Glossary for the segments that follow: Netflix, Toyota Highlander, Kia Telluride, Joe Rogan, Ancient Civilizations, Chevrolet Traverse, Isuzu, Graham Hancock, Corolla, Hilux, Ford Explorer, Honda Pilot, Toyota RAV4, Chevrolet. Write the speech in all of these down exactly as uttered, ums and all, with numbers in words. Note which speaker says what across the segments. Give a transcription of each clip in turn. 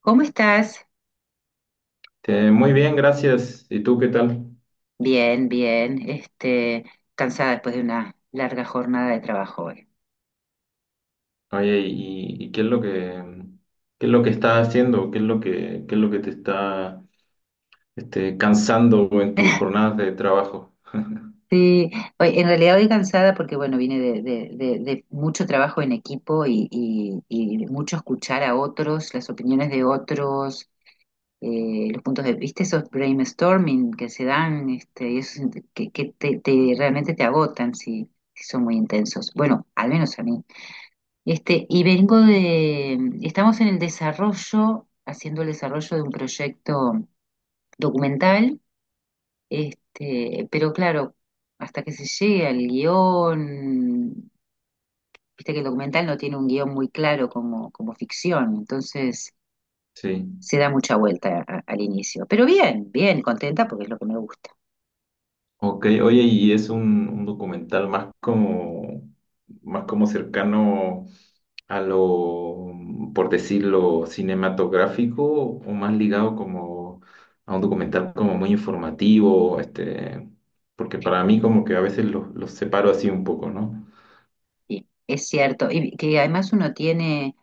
Speaker 1: ¿Cómo estás?
Speaker 2: Este, muy bien, gracias. ¿Y tú qué tal?
Speaker 1: Bien, bien. Este, cansada después de una larga jornada de trabajo hoy.
Speaker 2: Oye, ¿y, y qué es lo que qué es lo que estás haciendo? ¿Qué es lo que qué es lo que te está este, cansando en tus jornadas de trabajo?
Speaker 1: Sí, hoy, en realidad hoy cansada porque, bueno, vine de, de- de- de mucho trabajo en equipo y, y- y mucho escuchar a otros, las opiniones de otros, eh, los puntos de vista, esos brainstorming que se dan, este, y esos que, que te, te- realmente te agotan si, si son muy intensos. Bueno, al menos a mí. Este, y vengo de, estamos en el desarrollo, haciendo el desarrollo de un proyecto documental, este, pero claro, hasta que se llegue al guión, viste que el documental no tiene un guión muy claro como, como ficción, entonces
Speaker 2: Sí.
Speaker 1: se da mucha vuelta a- al inicio. Pero bien, bien, contenta porque es lo que me gusta.
Speaker 2: Ok, oye, y es un, un documental más como, más como cercano a lo, por decirlo, cinematográfico o más ligado como a un documental como muy informativo, este, porque para mí como que a veces los, los separo así un poco, ¿no?
Speaker 1: Sí, es cierto, y que además uno tiene,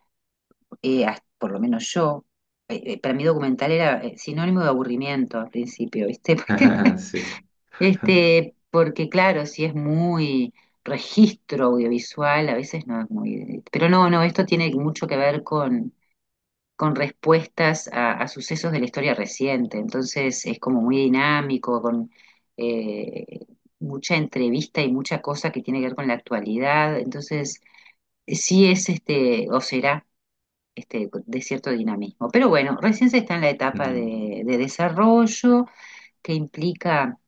Speaker 1: eh, hasta- por lo menos yo, eh, eh, para mí documental era eh, sinónimo de aburrimiento al principio, ¿viste? Porque
Speaker 2: Sí.
Speaker 1: este, porque claro, si es muy registro audiovisual, a veces no es muy... Pero no, no, esto tiene mucho que ver con, con respuestas a, a sucesos de la historia reciente. Entonces es como muy dinámico, con eh, mucha entrevista y mucha cosa que tiene que ver con la actualidad. Entonces sí es este, o será este, de cierto dinamismo. Pero bueno, recién se está en la etapa
Speaker 2: Mm,
Speaker 1: de de desarrollo que implica.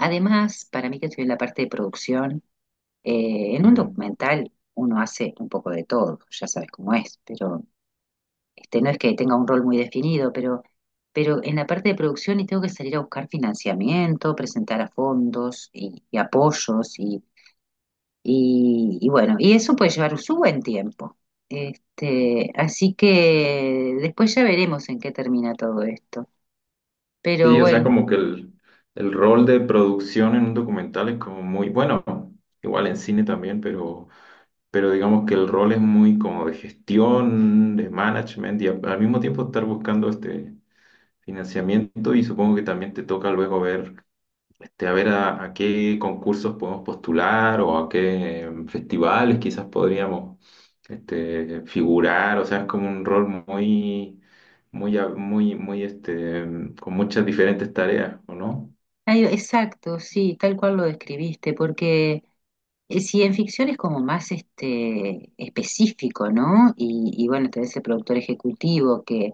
Speaker 1: Además, para mí que estoy en la parte de producción, eh, en un
Speaker 2: mm.
Speaker 1: documental uno hace un poco de todo, ya sabes cómo es, pero este, no es que tenga un rol muy definido, pero, pero en la parte de producción y tengo que salir a buscar financiamiento, presentar a fondos y, y apoyos y, y, y bueno, y eso puede llevar su buen tiempo. Este, así que después ya veremos en qué termina todo esto. Pero
Speaker 2: Sí, o sea,
Speaker 1: bueno,
Speaker 2: como que el, el rol de producción en un documental es como muy bueno, igual en cine también, pero pero digamos que el rol es muy como de gestión, de management y a- al mismo tiempo estar buscando este financiamiento y supongo que también te toca luego ver, este, a ver a, a qué concursos podemos postular o a qué em, festivales quizás podríamos este, figurar, o sea, es como un rol muy, muy, a- muy, muy, este, em, con muchas diferentes tareas, ¿o no?
Speaker 1: ay, exacto, sí, tal cual lo describiste, porque... Eh, sí, en ficción es como más este específico, ¿no? Y, y bueno, tenés el productor ejecutivo que,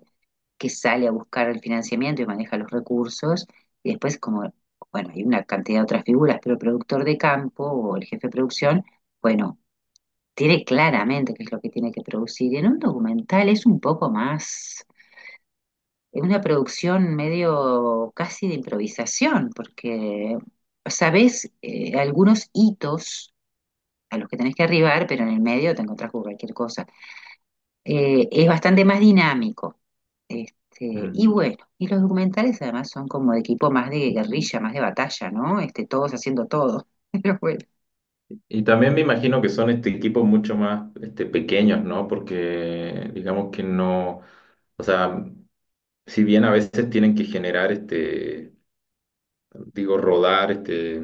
Speaker 1: que sale a buscar el financiamiento y maneja los recursos, y después como, bueno, hay una cantidad de otras figuras, pero el productor de campo o el jefe de producción, bueno, tiene claramente qué es lo que tiene que producir. Y en un documental es un poco más, es una producción medio casi de improvisación, porque sabés eh, algunos hitos a los que tenés que arribar, pero en el medio te encontrás con cualquier cosa. Eh, es bastante más dinámico. Este, y
Speaker 2: Mm.
Speaker 1: bueno, y los documentales además son como de equipo más de guerrilla, más de batalla, ¿no? Este, todos haciendo todo. Pero bueno,
Speaker 2: Y también me imagino que son este, equipos mucho más este, pequeños, ¿no? Porque digamos que no, o sea, si bien a veces tienen que generar, este, digo, rodar este,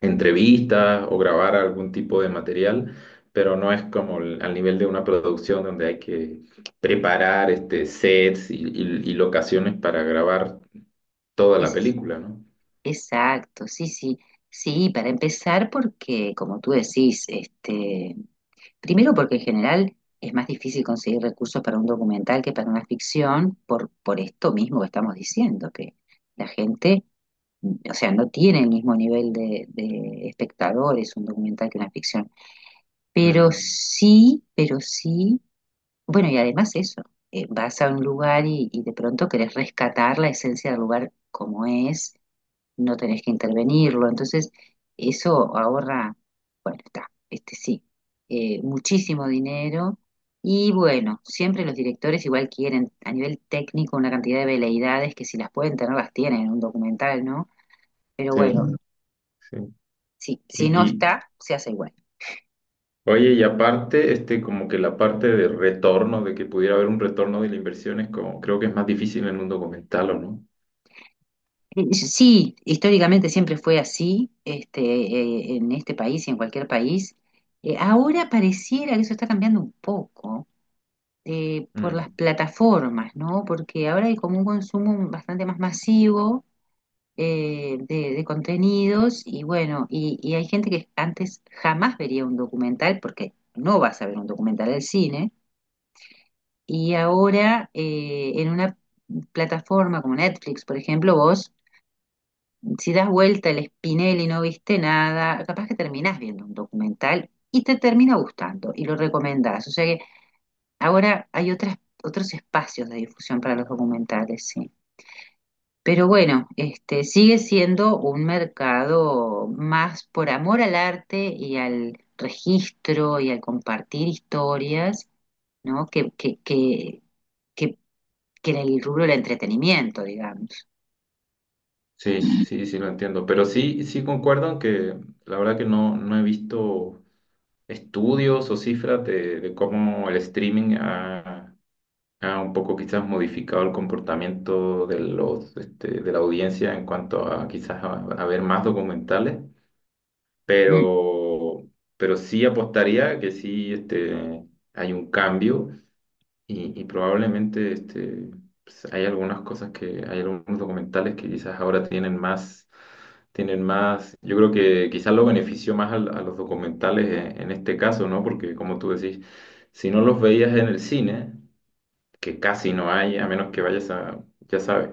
Speaker 2: entrevistas o grabar algún tipo de material, pero no es como el- al nivel de una producción donde hay que preparar este, sets y, y- y locaciones para grabar toda la
Speaker 1: es,
Speaker 2: película, ¿no?
Speaker 1: exacto, sí, sí. Sí, para empezar, porque como tú decís, este, primero porque en general es más difícil conseguir recursos para un documental que para una ficción, por, por esto mismo que estamos diciendo, que la gente, o sea, no tiene el mismo nivel de, de espectadores un documental que una ficción, pero
Speaker 2: Mm,
Speaker 1: sí, pero sí, bueno, y además eso, eh, vas a un lugar y, y de pronto querés rescatar la esencia del lugar como es, no tenés que intervenirlo, entonces eso ahorra, bueno, está, este sí, eh, muchísimo dinero. Y bueno, siempre los directores igual quieren a nivel técnico una cantidad de veleidades que si las pueden tener las tienen en un documental, ¿no? Pero
Speaker 2: sí,
Speaker 1: bueno,
Speaker 2: sí.
Speaker 1: sí, si no
Speaker 2: Y,
Speaker 1: está, se hace igual.
Speaker 2: Oye, y aparte, este, como que la parte de retorno, de que pudiera haber un retorno de la inversión, es como, creo que es más difícil en un documental, ¿o no?
Speaker 1: Eh, eh, Sí, históricamente siempre fue así, este, eh, en este país y en cualquier país. Eh, ahora pareciera que eso está cambiando un poco eh, por las
Speaker 2: Mm,
Speaker 1: plataformas, ¿no? Porque ahora hay como un consumo bastante más masivo eh, de, de contenidos y bueno, y, y hay gente que antes jamás vería un documental porque no vas a ver un documental del cine y ahora eh, en una plataforma como Netflix, por ejemplo, vos si das vuelta el espinel y no viste nada, capaz que terminás viendo un documental y te termina gustando y lo recomendás. O sea que ahora hay otras, otros espacios de difusión para los documentales, sí. Pero bueno, este sigue siendo un mercado más por amor al arte y al registro y al compartir historias, ¿no? Que, que, que, que, que en el rubro del entretenimiento, digamos.
Speaker 2: sí, sí, sí lo entiendo. Pero sí, sí concuerdo en que la verdad que no, no he visto estudios o cifras de, de cómo el streaming ha, ha un poco quizás modificado el comportamiento de los, este, de la audiencia en cuanto a quizás a, a ver más documentales,
Speaker 1: Mm.
Speaker 2: pero, pero sí apostaría que sí, este, hay un cambio y, y probablemente este, pues, hay algunas cosas que, hay algunos documentales que quizás ahora tienen más, tienen más, yo creo que quizás lo benefició más al- a, los documentales en, en este caso, ¿no? Porque como tú decís, si no los veías en el cine, que casi no hay, a menos que vayas a, ya sabes.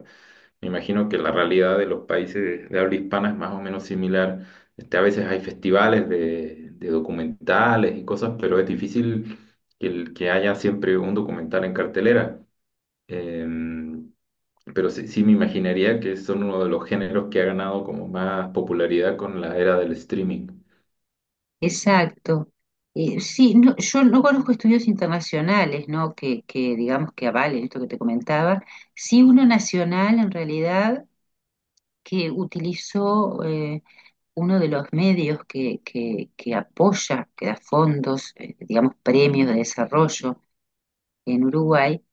Speaker 2: Me imagino que la realidad de los países de habla hispana es más o menos similar. Este, a veces hay festivales de, de documentales y cosas, pero es difícil que, el- que haya siempre un documental en cartelera. Em, pero sí, sí me imaginaría que son uno de los géneros que ha ganado como más popularidad con la era del streaming.
Speaker 1: Exacto. Eh, sí, no, yo no conozco estudios internacionales, ¿no? Que, que digamos que avalen esto que te comentaba. Sí, uno nacional en realidad que utilizó eh, uno de los medios que, que, que apoya, que da fondos, eh, digamos, premios de desarrollo en Uruguay,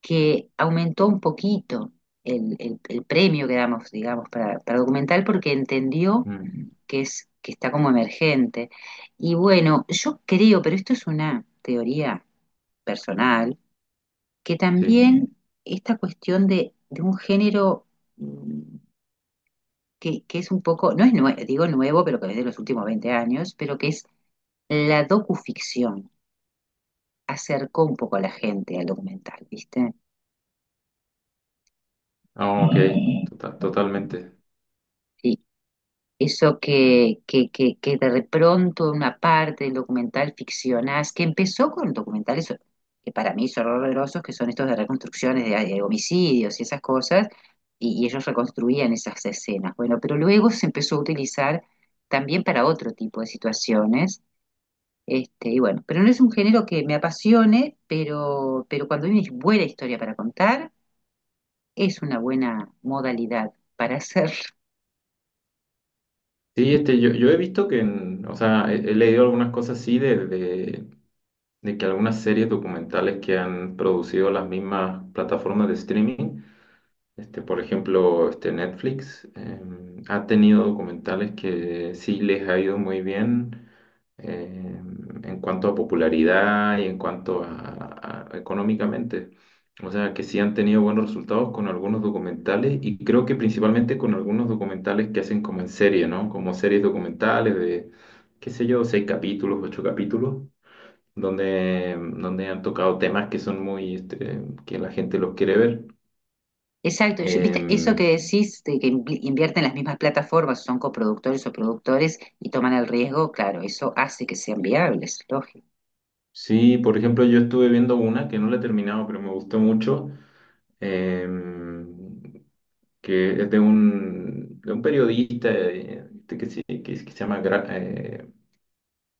Speaker 1: que aumentó un poquito el, el- el premio que damos, digamos, para, para documental porque entendió
Speaker 2: Mm,
Speaker 1: que es, que está como emergente. Y bueno, yo creo, pero esto es una teoría personal, que
Speaker 2: sí.
Speaker 1: también esta cuestión de, de un género, mm, que, que es un poco, no es nue- digo nuevo, pero que es de los últimos veinte años, pero que es la docuficción, acercó un poco a la gente al documental, ¿viste?
Speaker 2: Ah, ok. Tota- totalmente.
Speaker 1: Sí. Eso que, que, que, que de pronto una parte del documental ficcionás, que empezó con documentales que para mí son horrorosos, que son estos de reconstrucciones de, de homicidios y esas cosas, y, y ellos reconstruían esas escenas. Bueno, pero luego se empezó a utilizar también para otro tipo de situaciones. Este, y bueno, pero no es un género que me apasione, pero, pero cuando hay una buena historia para contar, es una buena modalidad para hacerlo.
Speaker 2: Sí, este, yo, yo he visto que, en- o sea, he, he leído algunas cosas así de, de que algunas series documentales que han producido las mismas plataformas de streaming, este, por ejemplo, este Netflix, eh, ha tenido documentales que sí les ha ido muy bien eh, en cuanto a popularidad y en cuanto a, a- económicamente. O sea, que sí han tenido buenos resultados con algunos documentales y creo que principalmente con algunos documentales que hacen como en serie, ¿no? Como series documentales de, qué sé yo, seis capítulos, ocho capítulos donde, donde han tocado temas que son muy, este, que la gente los quiere ver.
Speaker 1: Exacto, yo- viste, eso que
Speaker 2: Em,
Speaker 1: decís de que invi- invierten las mismas plataformas, son coproductores o productores y toman el riesgo, claro, eso hace que sean viables, lógico.
Speaker 2: sí, por ejemplo, yo estuve viendo una que no la he terminado, pero me gustó mucho, em, que es de un, de un periodista eh, este que se, que, se que se llama Graham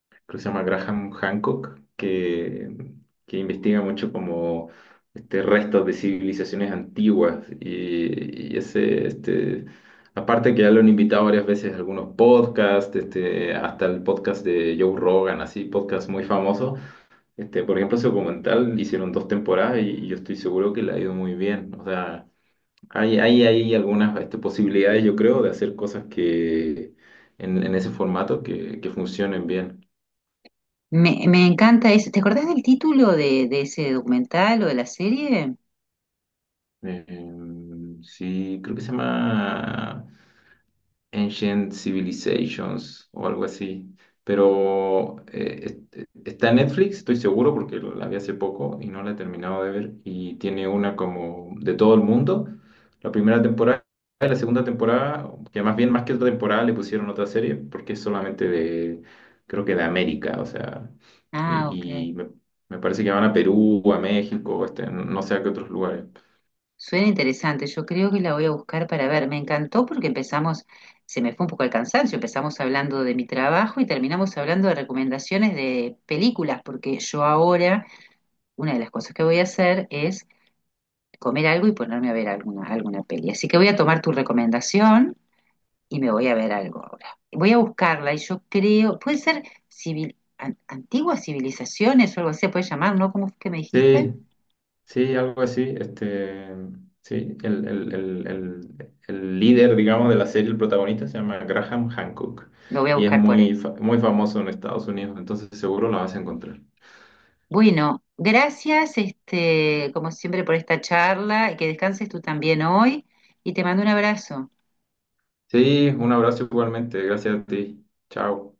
Speaker 2: creo que se llama Graham Hancock, que, que investiga mucho como este, restos de civilizaciones antiguas. Y, y ese, este, aparte que ya lo han invitado varias veces a algunos podcasts, este, hasta el podcast de Joe Rogan, así, podcast muy famoso. Este, por ejemplo, su documental hicieron dos temporadas y, y yo estoy seguro que le ha ido muy bien. O sea, hay, hay, hay algunas este, posibilidades, yo creo, de hacer cosas que en, en ese formato que, que funcionen bien.
Speaker 1: Me, me encanta eso. ¿Te acordás del título de, de ese documental o de la serie?
Speaker 2: Em, sí, creo que se llama Ancient Civilizations o algo así. Pero eh, es- está en Netflix, estoy seguro, porque lo- la vi hace poco y no la he terminado de ver. Y tiene una como de todo el mundo. La primera temporada y la segunda temporada, que más bien más que otra temporada le pusieron otra serie, porque es solamente de, creo que de América, o sea,
Speaker 1: Ah, ok.
Speaker 2: y, y me, me parece que van a Perú, a México, este, no no sé a qué otros lugares.
Speaker 1: Suena interesante. Yo creo que la voy a buscar para ver. Me encantó porque empezamos, se me fue un poco el cansancio, empezamos hablando de mi trabajo y terminamos hablando de recomendaciones de películas, porque yo ahora, una de las cosas que voy a hacer es comer algo y ponerme a ver alguna, alguna peli. Así que voy a tomar tu recomendación y me voy a ver algo ahora. Voy a buscarla y yo creo, puede ser civil, an- antiguas civilizaciones o algo así, se puede llamar, ¿no? ¿Cómo fue que me dijiste?
Speaker 2: Sí, sí, algo así. Este, sí, el, el- el- el- el líder, digamos, de la serie, el protagonista, se llama Graham Hancock
Speaker 1: Lo voy a
Speaker 2: y es
Speaker 1: buscar por
Speaker 2: muy,
Speaker 1: él.
Speaker 2: fa- muy famoso en Estados Unidos, entonces seguro la vas a encontrar.
Speaker 1: Bueno, gracias, este, como siempre, por esta charla y que descanses tú también hoy y te mando un abrazo.
Speaker 2: Sí, un abrazo igualmente, gracias a ti. Chao.